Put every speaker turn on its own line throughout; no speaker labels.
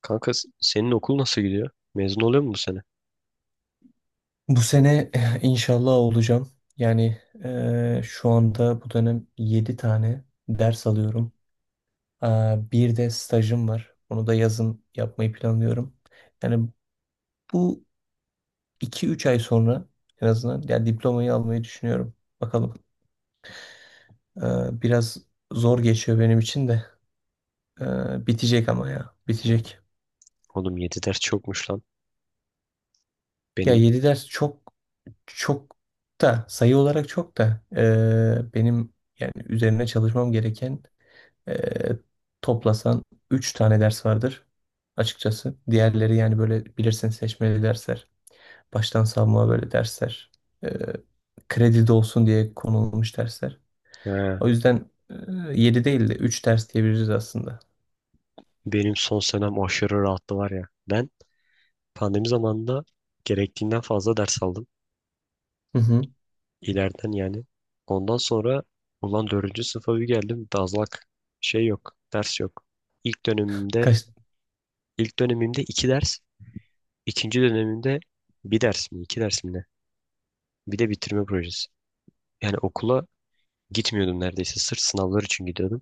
Kanka senin okul nasıl gidiyor? Mezun oluyor mu bu sene?
Bu sene inşallah olacağım. Şu anda bu dönem 7 tane ders alıyorum. Bir de stajım var. Onu da yazın yapmayı planlıyorum. Yani bu iki üç ay sonra en azından yani diplomayı almayı düşünüyorum. Bakalım. Biraz zor geçiyor benim için de. Bitecek ama ya. Bitecek.
Oğlum 7 ders çokmuş lan.
Ya
Benim
7 ders çok çok da sayı olarak çok da benim yani üzerine çalışmam gereken. Ee, Toplasan 3 tane ders vardır açıkçası. Diğerleri yani böyle bilirsin seçmeli dersler. Baştan savma böyle dersler. Ee, Kredi de olsun diye konulmuş dersler.
he,
O yüzden 7 değil de üç ders diyebiliriz aslında.
benim son senem aşırı rahattı var ya. Ben pandemi zamanında gerektiğinden fazla ders aldım.
Hı hı.
İleriden yani. Ondan sonra ulan dördüncü sınıfa bir geldim. Dazlak şey yok. Ders yok. İlk dönemimde
Kaç?
ilk dönemimde 2 ders. İkinci dönemimde bir ders mi? İki ders mi ne? Bir de bitirme projesi. Yani okula gitmiyordum neredeyse. Sırf sınavlar için gidiyordum.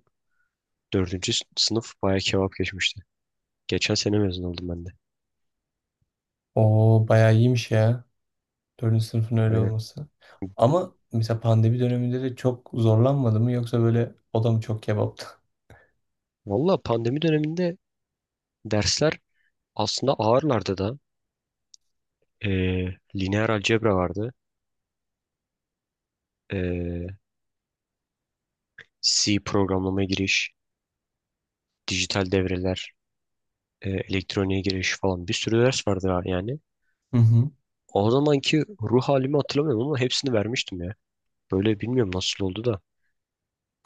Dördüncü sınıf bayağı kebap geçmişti. Geçen sene mezun oldum ben de.
O bayağı iyiymiş ya. Dördüncü sınıfın öyle
Aynen.
olması. Ama mesela pandemi döneminde de çok zorlanmadı mı yoksa böyle o da mı çok kebaptı?
Valla pandemi döneminde dersler aslında ağırlardı da. Lineer algebra vardı. Ee, C programlama giriş, dijital devreler, elektroniğe giriş falan bir sürü ders vardı yani.
Hı hı.
O zamanki ruh halimi hatırlamıyorum ama hepsini vermiştim ya. Böyle bilmiyorum nasıl oldu da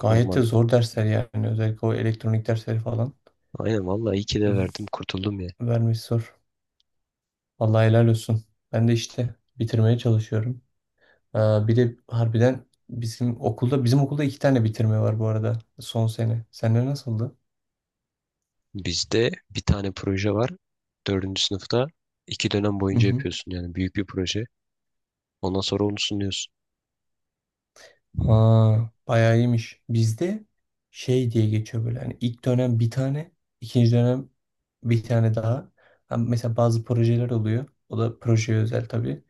Gayet de
normalde.
zor dersler yani. Özellikle o elektronik dersleri falan
Aynen vallahi iyi ki de verdim
v-
kurtuldum ya.
vermesi zor. Vallahi helal olsun. Ben de işte bitirmeye çalışıyorum. Ee, Bir de harbiden bizim okulda iki tane bitirme var bu arada son sene. Sende nasıldı?
Bizde bir tane proje var. Dördüncü sınıfta iki dönem
Hı
boyunca
hı.
yapıyorsun yani büyük bir proje. Ondan sonra onu sunuyorsun.
Aa, Bayağı iyiymiş. Bizde şey diye geçiyor böyle. Hani ilk dönem bir tane, ikinci dönem bir tane daha. Ha, mesela bazı projeler oluyor. O da projeye özel tabii.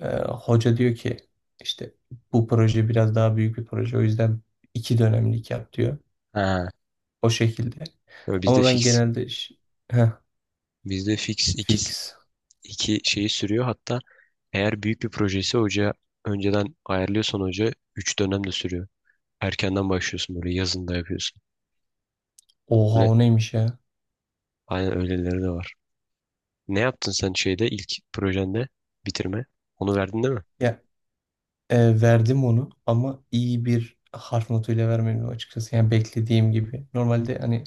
Hoca diyor ki işte bu proje biraz daha büyük bir proje. O yüzden iki dönemlik yap diyor.
Ha,
O şekilde.
böyle bizde
Ama ben
fix.
genelde heh,
Bizde fix iki,
fix.
iki şeyi sürüyor. Hatta eğer büyük bir projesi hoca önceden ayarlıyorsan hoca üç dönem de sürüyor. Erkenden başlıyorsun böyle yazında yapıyorsun.
Oha o
Böyle
neymiş ya?
aynen öyleleri de var. Ne yaptın sen şeyde ilk projende bitirme? Onu verdin değil mi?
Ya verdim onu ama iyi bir harf notuyla vermedim açıkçası. Yani beklediğim gibi. Normalde hani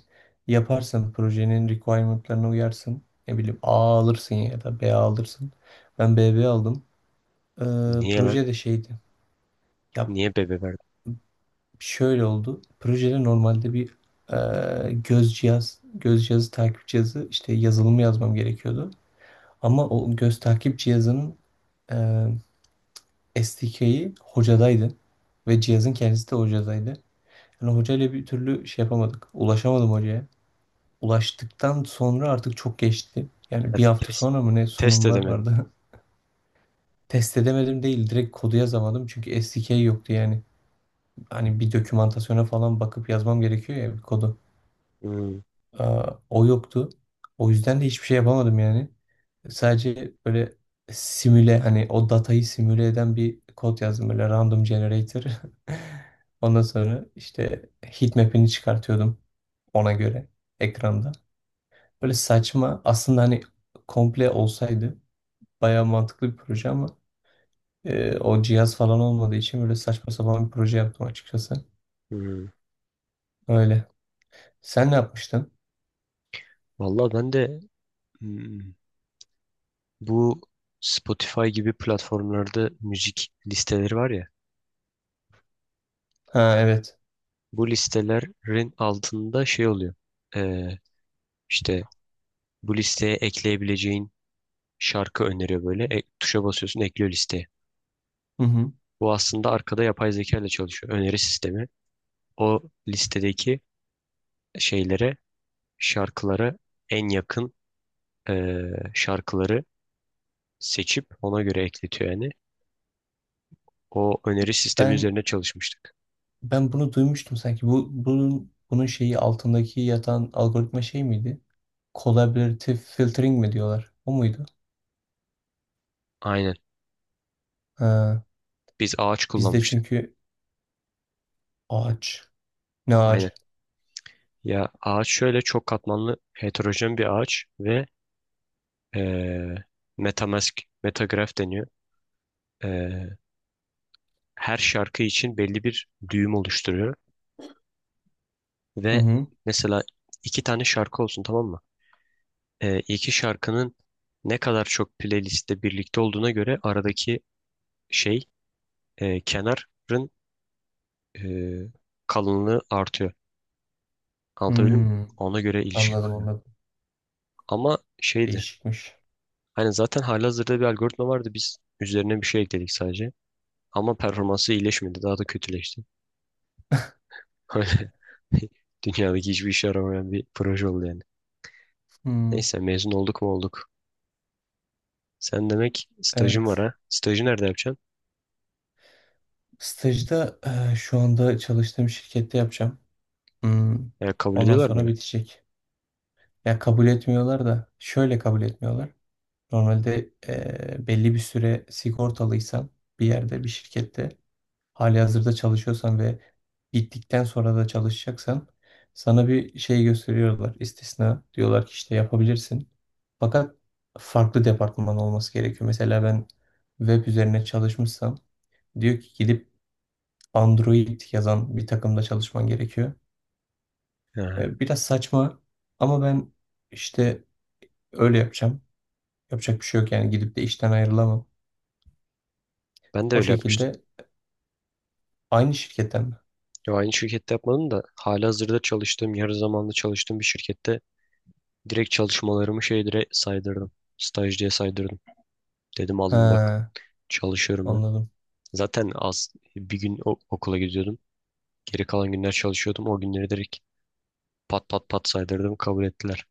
yaparsın projenin requirement'larına uyarsın. Ne bileyim A alırsın ya da B alırsın. Ben BB aldım. E,
Niye lan?
Proje de şeydi. Ya
Niye bebe verdin?
şöyle oldu. Projede normalde bir göz cihazı, takip cihazı işte yazılımı yazmam gerekiyordu. Ama o göz takip cihazının SDK'yi hocadaydı ve cihazın kendisi de hocadaydı. Yani hocayla bir türlü şey yapamadık. Ulaşamadım hocaya. Ulaştıktan sonra artık çok geçti.
Ya,
Yani bir hafta
test,
sonra mı ne
test
sunumlar
edemedin.
vardı. Test edemedim değil. Direkt kodu yazamadım. Çünkü SDK yoktu yani. Hani bir dokümantasyona falan bakıp yazmam gerekiyor ya bir kodu.
Hmm,
O yoktu. O yüzden de hiçbir şey yapamadım yani. Sadece böyle hani o datayı simüle eden bir kod yazdım böyle random generator. Ondan sonra işte heatmap'ini çıkartıyordum ona göre ekranda. Böyle saçma aslında hani komple olsaydı bayağı mantıklı bir proje ama o cihaz falan olmadığı için böyle saçma sapan bir proje yaptım açıkçası.
hmm.
Öyle. Sen ne yapmıştın?
Vallahi ben de hmm, bu Spotify gibi platformlarda müzik listeleri var ya.
Ha evet.
Bu listelerin altında şey oluyor. Ee, işte bu listeye ekleyebileceğin şarkı öneriyor böyle. E, tuşa basıyorsun ekliyor listeye.
Hı hı.
Bu aslında arkada yapay zeka ile çalışıyor. Öneri sistemi. O listedeki şeylere, şarkılara en yakın ee, şarkıları seçip ona göre ekletiyor yani. O öneri sistemi
Ben
üzerine çalışmıştık.
Ben bunu duymuştum sanki. Bu bunun bunun şeyi altındaki yatan algoritma şey miydi? Collaborative filtering mi diyorlar? O muydu?
Aynen.
Ha,
Biz ağaç
bizde
kullanmıştık.
çünkü ağaç. Ne ağacı?
Aynen. Ya ağaç şöyle çok katmanlı heterojen bir ağaç ve eee metamask, metagraf deniyor. Eee, her şarkı için belli bir düğüm oluşturuyor.
Hı
Ve
hı.
mesela iki tane şarkı olsun tamam mı? İki şarkının ne kadar çok playlistte birlikte olduğuna göre aradaki şey kenarın eee, kalınlığı artıyor. Anlatabildim mi?
Hmm.
Ona göre ilişki
Anladım,
kuruyor.
anladım.
Ama şeydi.
Değişikmiş.
Hani zaten halihazırda bir algoritma vardı. Biz üzerine bir şey ekledik sadece. Ama performansı iyileşmedi. Daha da kötüleşti. Öyle dünyadaki hiçbir işe yaramayan bir proje oldu yani.
Hmm.
Neyse mezun olduk mu olduk. Sen demek stajın var
Evet.
ha. Stajı nerede yapacaksın?
Stajda şu anda çalıştığım şirkette yapacağım. Hmm.
Ya kabul
Ondan
ediyorlar mı
sonra
öyle?
bitecek. Ya kabul etmiyorlar da şöyle kabul etmiyorlar. Normalde belli bir süre sigortalıysan bir yerde bir şirkette halihazırda çalışıyorsan ve gittikten sonra da çalışacaksan sana bir şey gösteriyorlar. İstisna diyorlar ki işte yapabilirsin. Fakat farklı departman olması gerekiyor. Mesela ben web üzerine çalışmışsam diyor ki gidip Android yazan bir takımda çalışman gerekiyor.
Aha.
Biraz saçma ama ben işte öyle yapacağım. Yapacak bir şey yok yani gidip de işten ayrılamam.
Ben de
O
öyle yapmıştım.
şekilde aynı şirketten mi?
Ya aynı şirkette yapmadım da halihazırda çalıştığım, yarı zamanlı çalıştığım bir şirkette direkt çalışmalarımı şey dire saydırdım. Staj diye saydırdım. Dedim alın bak
He,
çalışıyorum ben.
anladım.
Zaten az bir gün okula gidiyordum. Geri kalan günler çalışıyordum. O günleri direkt pat pat pat saydırdım. Kabul ettiler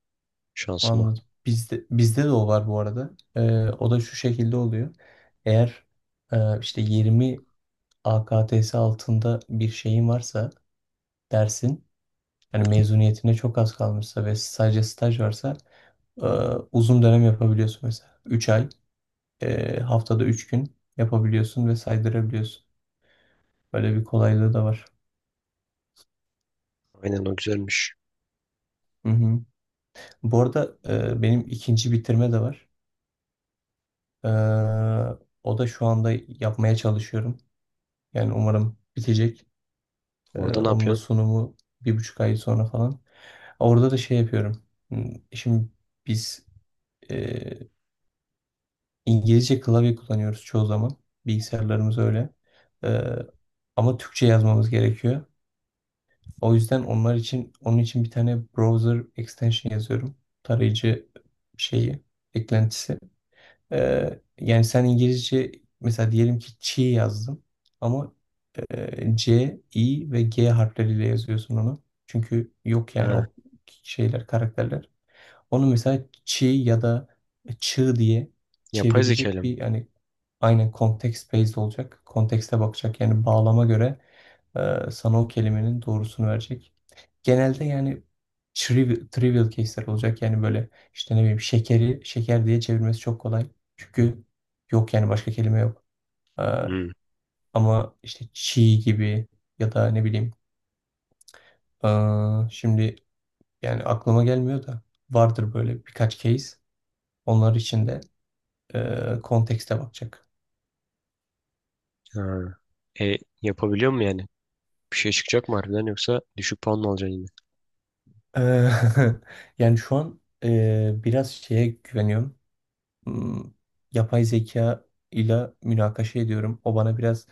şansıma.
Anladım. Bizde de o var bu arada. O da şu şekilde oluyor. Eğer işte 20 AKTS altında bir şeyin varsa dersin, yani mezuniyetine çok az kalmışsa ve sadece staj varsa e, uzun dönem yapabiliyorsun mesela. Üç ay, haftada 3 gün yapabiliyorsun ve saydırabiliyorsun. Böyle bir kolaylığı da var.
Aynen o güzelmiş.
Hı hı. Bu arada benim ikinci bitirme de var. Ee, O da şu anda yapmaya çalışıyorum. Yani umarım bitecek.
Orada ne
Onun da
yapıyorsun?
sunumu 1,5 ay sonra falan. Orada da şey yapıyorum. Hmm. Şimdi biz e, İngilizce klavye kullanıyoruz çoğu zaman. Bilgisayarlarımız öyle. Ee, Ama Türkçe yazmamız gerekiyor. O yüzden onlar için onun için bir tane browser extension yazıyorum. Tarayıcı şeyi, eklentisi. Yani sen İngilizce mesela diyelim ki çi yazdım ama C, I ve G harfleriyle yazıyorsun onu. Çünkü yok yani
Ha,
o şeyler, karakterler. Onu mesela çi ya da çığ diye
yapay
çevirecek
zekayla mı?
bir yani aynen context based olacak. Kontekste bakacak yani bağlama göre sana o kelimenin doğrusunu verecek. Genelde yani trivial case'ler olacak. Yani böyle işte ne bileyim şekeri şeker diye çevirmesi çok kolay. Çünkü yok yani başka kelime yok. E,
Hmm.
Ama işte çiğ gibi ya da ne bileyim e, şimdi yani aklıma gelmiyor da vardır böyle birkaç case. Onlar için de kontekste bakacak.
Ha. E, yapabiliyor mu yani? Bir şey çıkacak mı harbiden yoksa düşük puan mı alacaksın yine?
E, Yani şu an biraz şeye güveniyorum. hmm, Yapay zeka ile münakaşa ediyorum. O bana biraz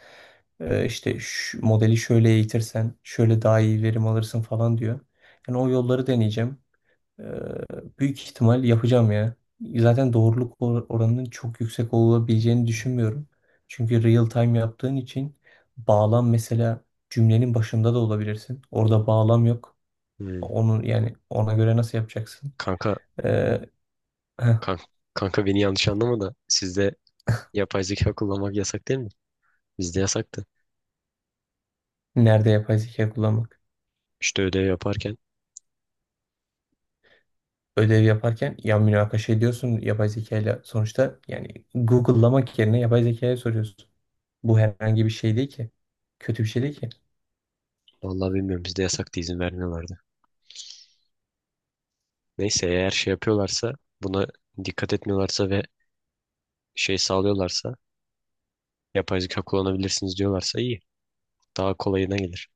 işte şu modeli şöyle eğitirsen şöyle daha iyi verim alırsın falan diyor. Yani o yolları deneyeceğim. E, Büyük ihtimal yapacağım ya. Zaten doğruluk oranının çok yüksek olabileceğini düşünmüyorum. Çünkü real time yaptığın için bağlam mesela cümlenin başında da olabilirsin. Orada bağlam yok.
Hmm.
Onun yani ona göre nasıl yapacaksın?
Kanka,
E, heh,
kanka, kanka, beni yanlış anlama da sizde yapay zeka kullanmak yasak değil mi? Bizde yasaktı.
nerede yapay zeka kullanmak?
İşte ödev yaparken
Ödev yaparken ya münakaşa ediyorsun yapay zeka ile sonuçta yani Google'lamak yerine yapay zekaya soruyorsun. Bu herhangi bir şey değil ki. Kötü bir şey değil ki.
vallahi bilmiyorum bizde yasaktı izin vermiyorlardı. Neyse eğer şey yapıyorlarsa buna dikkat etmiyorlarsa ve şey sağlıyorlarsa yapay zeka kullanabilirsiniz diyorlarsa iyi. Daha kolayına gelir.